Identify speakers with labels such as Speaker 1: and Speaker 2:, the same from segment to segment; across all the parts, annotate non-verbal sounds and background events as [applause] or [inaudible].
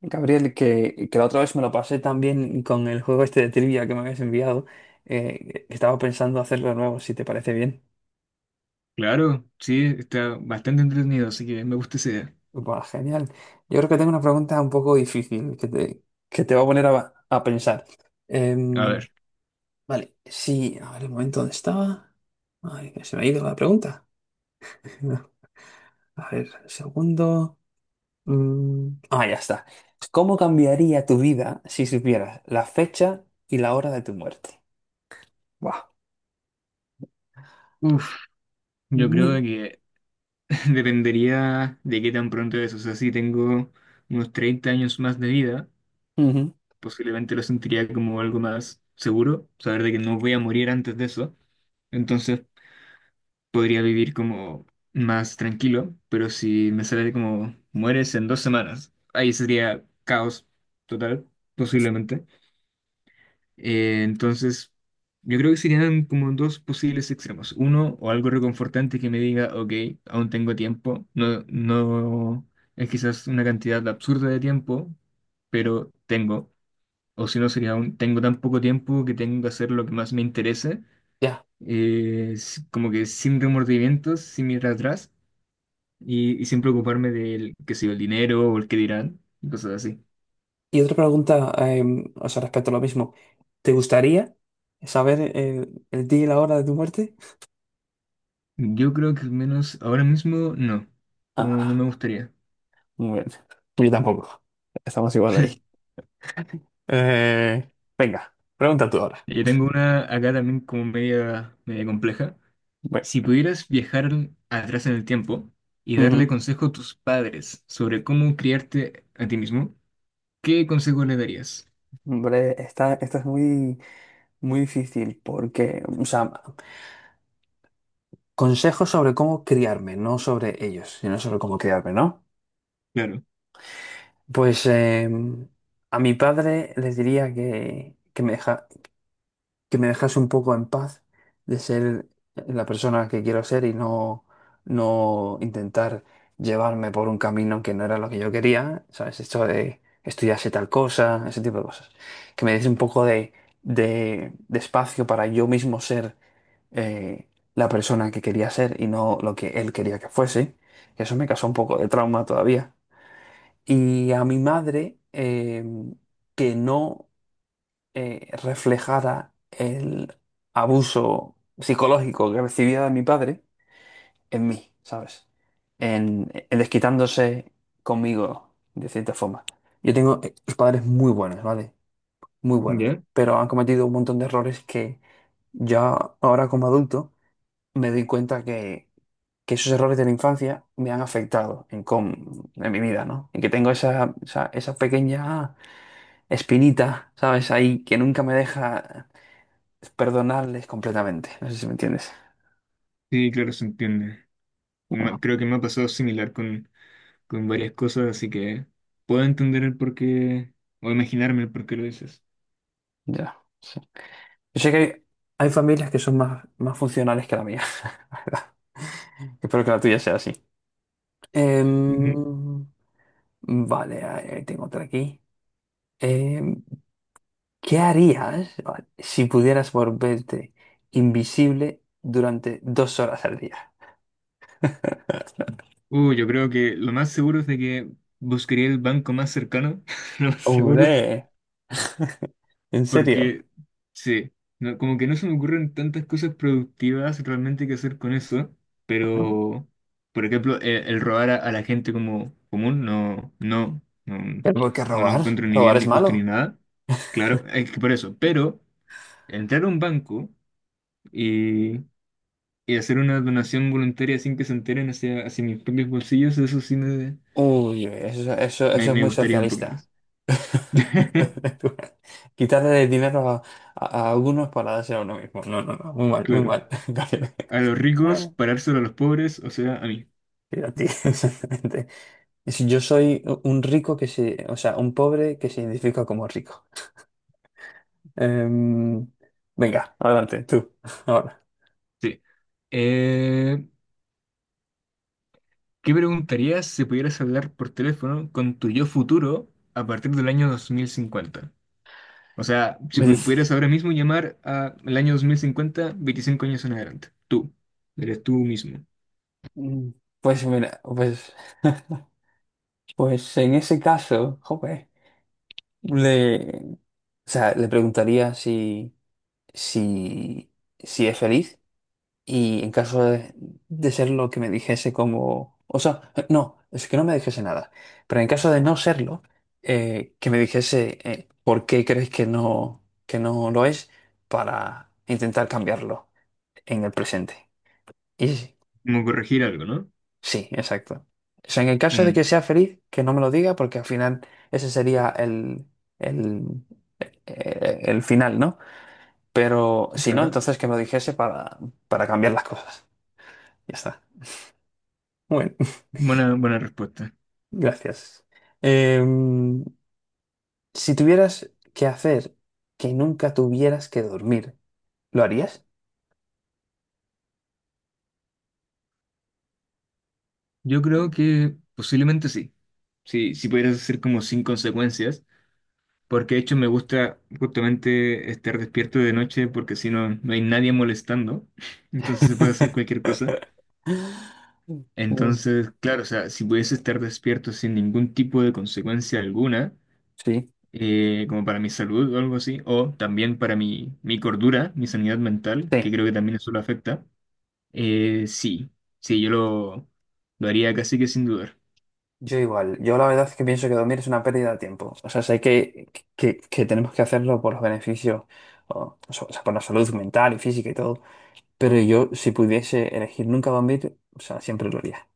Speaker 1: Gabriel, que la otra vez me lo pasé también con el juego este de trivia que me habías enviado. Estaba pensando hacerlo de nuevo, si te parece bien.
Speaker 2: Claro, sí, está bastante entretenido, así que me gusta esa idea.
Speaker 1: Buah, genial. Yo creo que tengo una pregunta un poco difícil que te va a poner a pensar.
Speaker 2: A
Speaker 1: Em,
Speaker 2: ver,
Speaker 1: vale, sí, a ver el momento donde estaba. Ay, que se me ha ido la pregunta. [laughs] A ver, segundo. Mm, ah, ya está. ¿Cómo cambiaría tu vida si supieras la fecha y la hora de tu muerte? Buah.
Speaker 2: uff, yo
Speaker 1: Mm.
Speaker 2: creo que [laughs] dependería de qué tan pronto es. O sea, si tengo unos 30 años más de vida,
Speaker 1: Ujú.
Speaker 2: posiblemente lo sentiría como algo más seguro, saber de que no voy a morir antes de eso. Entonces podría vivir como más tranquilo, pero si me sale como mueres en 2 semanas, ahí sería caos total, posiblemente. Entonces, yo creo que serían como dos posibles extremos. Uno, o algo reconfortante que me diga, ok, aún tengo tiempo. No, no es quizás una cantidad absurda de tiempo, pero tengo. O si no, sería tengo tan poco tiempo que tengo que hacer lo que más me interese,
Speaker 1: Ya.
Speaker 2: como que sin remordimientos, sin mirar atrás y sin preocuparme del, que sé yo, el dinero o el que dirán, y cosas así.
Speaker 1: Y otra pregunta, o sea, respecto a lo mismo. ¿Te gustaría saber el día y la hora de tu muerte?
Speaker 2: Yo creo que al menos ahora mismo no, no, no
Speaker 1: Ah,
Speaker 2: me gustaría.
Speaker 1: muy bien. Yo tampoco. Estamos igual ahí. Eh, venga, pregunta tú ahora.
Speaker 2: Yo tengo una acá también como media compleja.
Speaker 1: Bueno.
Speaker 2: Si pudieras viajar atrás en el tiempo y darle
Speaker 1: Ujú.
Speaker 2: consejo a tus padres sobre cómo criarte a ti mismo, ¿qué consejo le darías?
Speaker 1: Hombre, esta es muy difícil porque, o sea, consejos sobre cómo criarme, no sobre ellos, sino sobre cómo criarme, ¿no?
Speaker 2: Claro,
Speaker 1: Pues a mi padre les diría que me dejase un poco en paz de ser la persona que quiero ser y no intentar llevarme por un camino que no era lo que yo quería, ¿sabes? Esto de estudiarse tal cosa, ese tipo de cosas. Que me diese un poco de espacio para yo mismo ser eh, la persona que quería ser y no lo que él quería que fuese. Eso me causó un poco de trauma todavía. Y a mi madre, que no reflejara el abuso psicológico que recibía de mi padre en mí, ¿sabes? En desquitándose conmigo, de cierta forma. Yo tengo padres muy buenos, ¿vale? Muy buenos,
Speaker 2: ¿ya?
Speaker 1: pero han cometido un montón de errores que yo ahora como adulto me doy cuenta que esos errores de la infancia me han afectado en mi vida, ¿no? Y que tengo esa pequeña espinita, ¿sabes? Ahí que nunca me deja perdonarles completamente. No sé si me entiendes.
Speaker 2: Sí, claro, se entiende.
Speaker 1: Bueno,
Speaker 2: Creo que me ha pasado similar con varias cosas, así que puedo entender el porqué o imaginarme el porqué lo dices.
Speaker 1: ya. Sí. Yo sé que hay familias que son más funcionales que la mía, [laughs] la verdad. Espero que la tuya sea así.
Speaker 2: Ujú.
Speaker 1: Em, vale, ahí tengo otra aquí. Em, ¿Qué harías, vale, si pudieras volverte invisible durante 2 horas al día? [laughs]
Speaker 2: Yo creo que lo más seguro es de que buscaría el banco más cercano, [laughs] lo más seguro.
Speaker 1: Hombre, ¿en serio?
Speaker 2: Porque, sí, no- como que no se me ocurren tantas cosas productivas realmente que hacer con eso, pero, por ejemplo, robar a la gente como común, no, no, no,
Speaker 1: ¿Pero por qué
Speaker 2: no lo
Speaker 1: robar?
Speaker 2: encuentro ni
Speaker 1: ¿Robar
Speaker 2: bien,
Speaker 1: es
Speaker 2: ni justo, ni
Speaker 1: malo?
Speaker 2: nada. Claro, es que por eso, pero entrar a un banco y, y hacer una donación voluntaria sin que se enteren hacia mis propios bolsillos, eso sí me,
Speaker 1: Uy,
Speaker 2: me,
Speaker 1: eso es
Speaker 2: me
Speaker 1: muy
Speaker 2: gustaría un poco
Speaker 1: socialista.
Speaker 2: más. [laughs]
Speaker 1: [laughs] Quitarle el dinero a unos para darse a uno mismo. No, no, no, muy mal, muy
Speaker 2: Claro,
Speaker 1: mal. [laughs] Gabriel.
Speaker 2: a los ricos,
Speaker 1: Eh,
Speaker 2: parárselo a los pobres, o sea, a mí.
Speaker 1: Pero a ti, [laughs] exactamente. Es- yo soy un rico que se, o sea, un pobre que se identifica como rico. Em, venga, adelante, tú, [laughs] ahora.
Speaker 2: Sí. Eh, ¿Qué preguntarías si pudieras hablar por teléfono con tu yo futuro a partir del año 2050? O sea, si
Speaker 1: Me dice,
Speaker 2: pudieras ahora mismo llamar al año 2050 25 años en adelante. Tú. Eres tú mismo.
Speaker 1: mm, pues mira, pues, [laughs] pues en ese caso, joder, o sea, le preguntaría si, si es feliz y en caso de ser lo que me dijese como... O sea, no, es que no me dijese nada, pero en caso de no serlo, que me dijese, por qué crees que que no lo es para intentar cambiarlo en el presente. Y sí, sí,
Speaker 2: Como corregir algo, ¿no?
Speaker 1: sí, exacto. O sea, en el caso de
Speaker 2: Mm,
Speaker 1: que sea feliz, que no me lo diga porque al final ese sería el, el final, ¿no? Pero si no,
Speaker 2: claro.
Speaker 1: entonces que me lo dijese para cambiar las cosas. Ya está. Bueno,
Speaker 2: Buena, buena respuesta.
Speaker 1: [laughs] gracias. Em, si tuvieras que hacer que nunca tuvieras que dormir, ¿lo harías?
Speaker 2: Yo creo que posiblemente sí. Sí, si pudieras hacer como sin consecuencias. Porque de hecho me gusta justamente estar despierto de noche porque si no, no hay nadie molestando. [laughs] Entonces se puede hacer cualquier cosa.
Speaker 1: [laughs] Mm.
Speaker 2: Entonces, claro, o sea, si pudiese estar despierto sin ningún tipo de consecuencia alguna,
Speaker 1: Sí.
Speaker 2: como para mi salud o algo así, o también para mi cordura, mi sanidad mental,
Speaker 1: Sí.
Speaker 2: que creo que también eso lo afecta, sí, sí, yo lo haría casi que sin dudar.
Speaker 1: Yo igual. Yo la verdad es que pienso que dormir es una pérdida de tiempo. O sea, sé que tenemos que hacerlo por los beneficios, o sea, por la salud mental y física y todo. Pero yo, si pudiese elegir nunca dormir, o sea, siempre lo haría.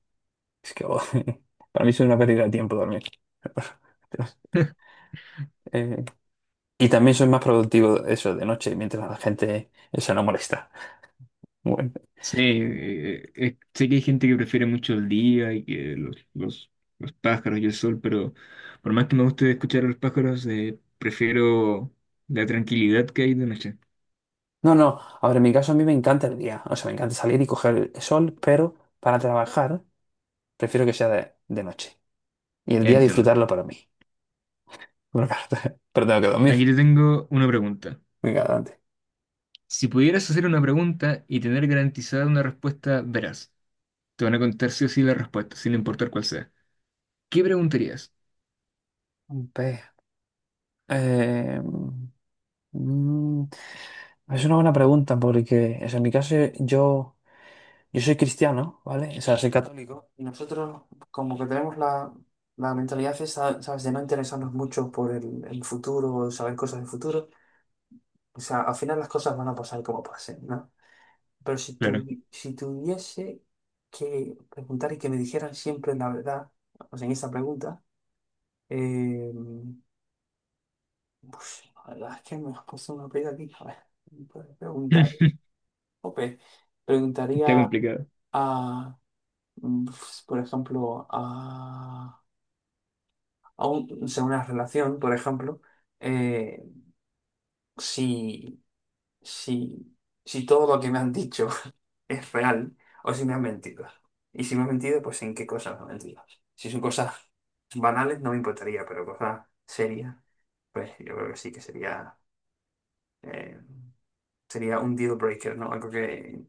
Speaker 1: Es que oh, [laughs] para mí es una pérdida de tiempo dormir. [laughs]
Speaker 2: [laughs]
Speaker 1: Eh, y también soy más productivo eso de noche, mientras la gente se no molesta. Bueno.
Speaker 2: Sí, sé que hay gente que prefiere mucho el día y que los pájaros y el sol, pero por más que me guste escuchar a los pájaros, prefiero la tranquilidad que hay de noche.
Speaker 1: No, no, a ver, en mi caso a mí me encanta el día. O sea, me encanta salir y coger el sol, pero para trabajar prefiero que sea de noche. Y el
Speaker 2: Ya
Speaker 1: día
Speaker 2: entiendo.
Speaker 1: disfrutarlo para mí. Pero, claro, [laughs] pero tengo que
Speaker 2: Aquí
Speaker 1: dormir.
Speaker 2: te tengo una pregunta.
Speaker 1: Venga, adelante.
Speaker 2: Si pudieras hacer una pregunta y tener garantizada una respuesta veraz, te van a contar sí o sí la respuesta, sin importar cuál sea. ¿Qué preguntarías?
Speaker 1: Ve, eh, mm, mm, es una buena pregunta porque o sea, en mi caso yo... Yo soy cristiano, ¿vale? O sea, soy católico. Y nosotros como que tenemos la mentalidad esa, ¿sabes? De no interesarnos mucho por el futuro, saber cosas del futuro. O sea, al final las cosas van a pasar como pasen, ¿no? Pero
Speaker 2: Claro.
Speaker 1: si tuviese que preguntar y que me dijeran siempre la verdad, o sea, en esta pregunta, eh, pues, la verdad es que me has puesto una pega aquí. A ver, puedes preguntar.
Speaker 2: [laughs]
Speaker 1: Ope,
Speaker 2: Está
Speaker 1: preguntaría
Speaker 2: complicado.
Speaker 1: a, pues, por ejemplo, o sea, una relación, por ejemplo, eh, si, si, si todo lo que me han dicho [laughs] es real o si me han mentido. Y si me han mentido, pues en qué cosas me han mentido. Si son cosas banales, no me importaría, pero cosas serias, pues yo creo que sí que sería, eh, sería un deal breaker, ¿no? Algo que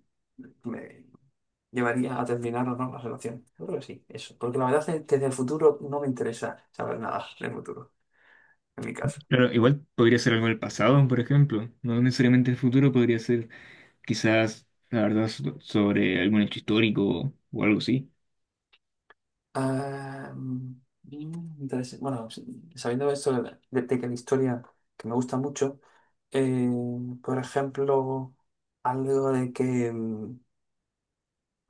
Speaker 1: me llevaría a terminar o no la relación. Yo creo que sí, eso. Porque la verdad es que desde el futuro no me interesa saber nada del futuro, en mi caso.
Speaker 2: Claro, igual podría ser algo del pasado, por ejemplo. No necesariamente el futuro, podría ser quizás, la verdad, sobre algún hecho histórico o algo así.
Speaker 1: Ah, mm, interes- Bueno, sabiendo esto de que la historia que me gusta mucho, eh, por ejemplo, algo de que mm,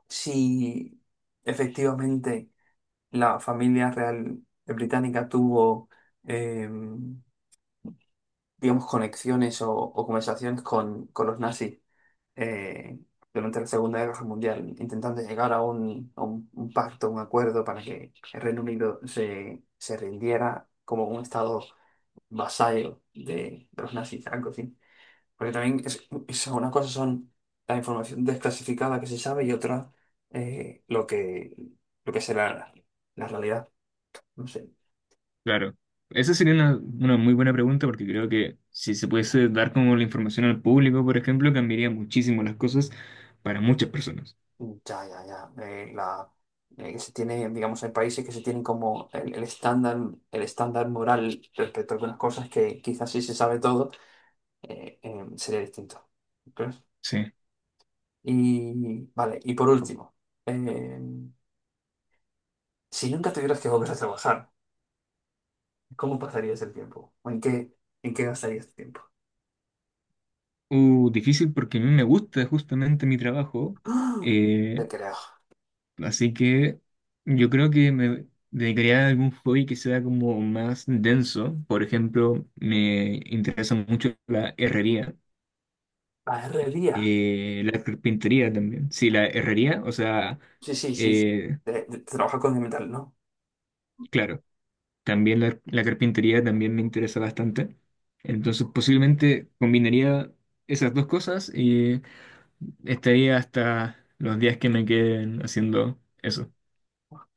Speaker 1: si efectivamente la familia real británica tuvo, eh, digamos, conexiones o conversaciones con los nazis, eh, durante la Segunda Guerra Mundial, intentando llegar a un, un pacto, un acuerdo para que el Reino Unido se, se rindiera como un estado vasallo de los nazis, algo así. Porque también una cosa son la información desclasificada que se sabe y otra eh, lo que, lo que será la realidad. No sé.
Speaker 2: Claro. Esa sería una muy buena pregunta porque creo que si se pudiese dar como la información al público, por ejemplo, cambiaría muchísimo las cosas para muchas personas.
Speaker 1: Ya, ya, ya. Que se tiene, digamos, hay países que se tienen como el estándar moral respecto a algunas cosas que quizás si se sabe todo, sería distinto. ¿Crees?
Speaker 2: Sí.
Speaker 1: Y vale, y por último, eh, si nunca tuvieras que volver a trabajar, ¿cómo pasarías el tiempo? ¿O en qué gastarías el tiempo?
Speaker 2: Difícil porque a mí me gusta justamente mi trabajo.
Speaker 1: ¡Ah! No
Speaker 2: eh,
Speaker 1: te creo.
Speaker 2: Así que yo creo que me dedicaría a algún hobby que sea como más denso. Por ejemplo, me interesa mucho la herrería.
Speaker 1: La herrería.
Speaker 2: La carpintería también. Sí, la herrería, o sea,
Speaker 1: Sí, sí, sí. Sí.
Speaker 2: eh,
Speaker 1: Trabajar con el metal, ¿no?
Speaker 2: claro, también la carpintería también me interesa bastante. Entonces, posiblemente combinaría esas dos cosas y estaría hasta los días que me queden haciendo eso.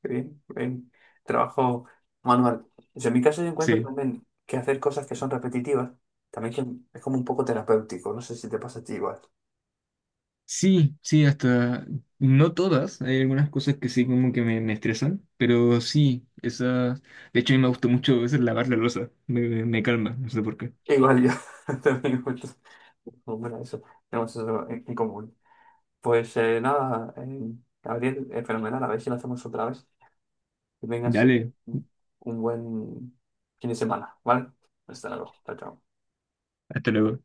Speaker 1: Bien, bien. Trabajo manual. Yo en mi caso yo encuentro
Speaker 2: Sí,
Speaker 1: también que hacer cosas que son repetitivas también que es como un poco terapéutico. No sé si te pasa a ti igual.
Speaker 2: sí, sí, hasta no todas. Hay algunas cosas que sí como que me estresan, pero sí, esas. De hecho, a mí me gusta mucho a veces lavar la loza. Me calma, no sé por qué.
Speaker 1: Igual yo [laughs] también encuentro- bueno, eso, tenemos eso en común. Pues nada, Gabriel, fenomenal. A ver si lo hacemos otra vez. Que tengas
Speaker 2: Dale,
Speaker 1: un un buen fin de semana, ¿vale? Hasta luego. Chao, chao.
Speaker 2: hasta luego.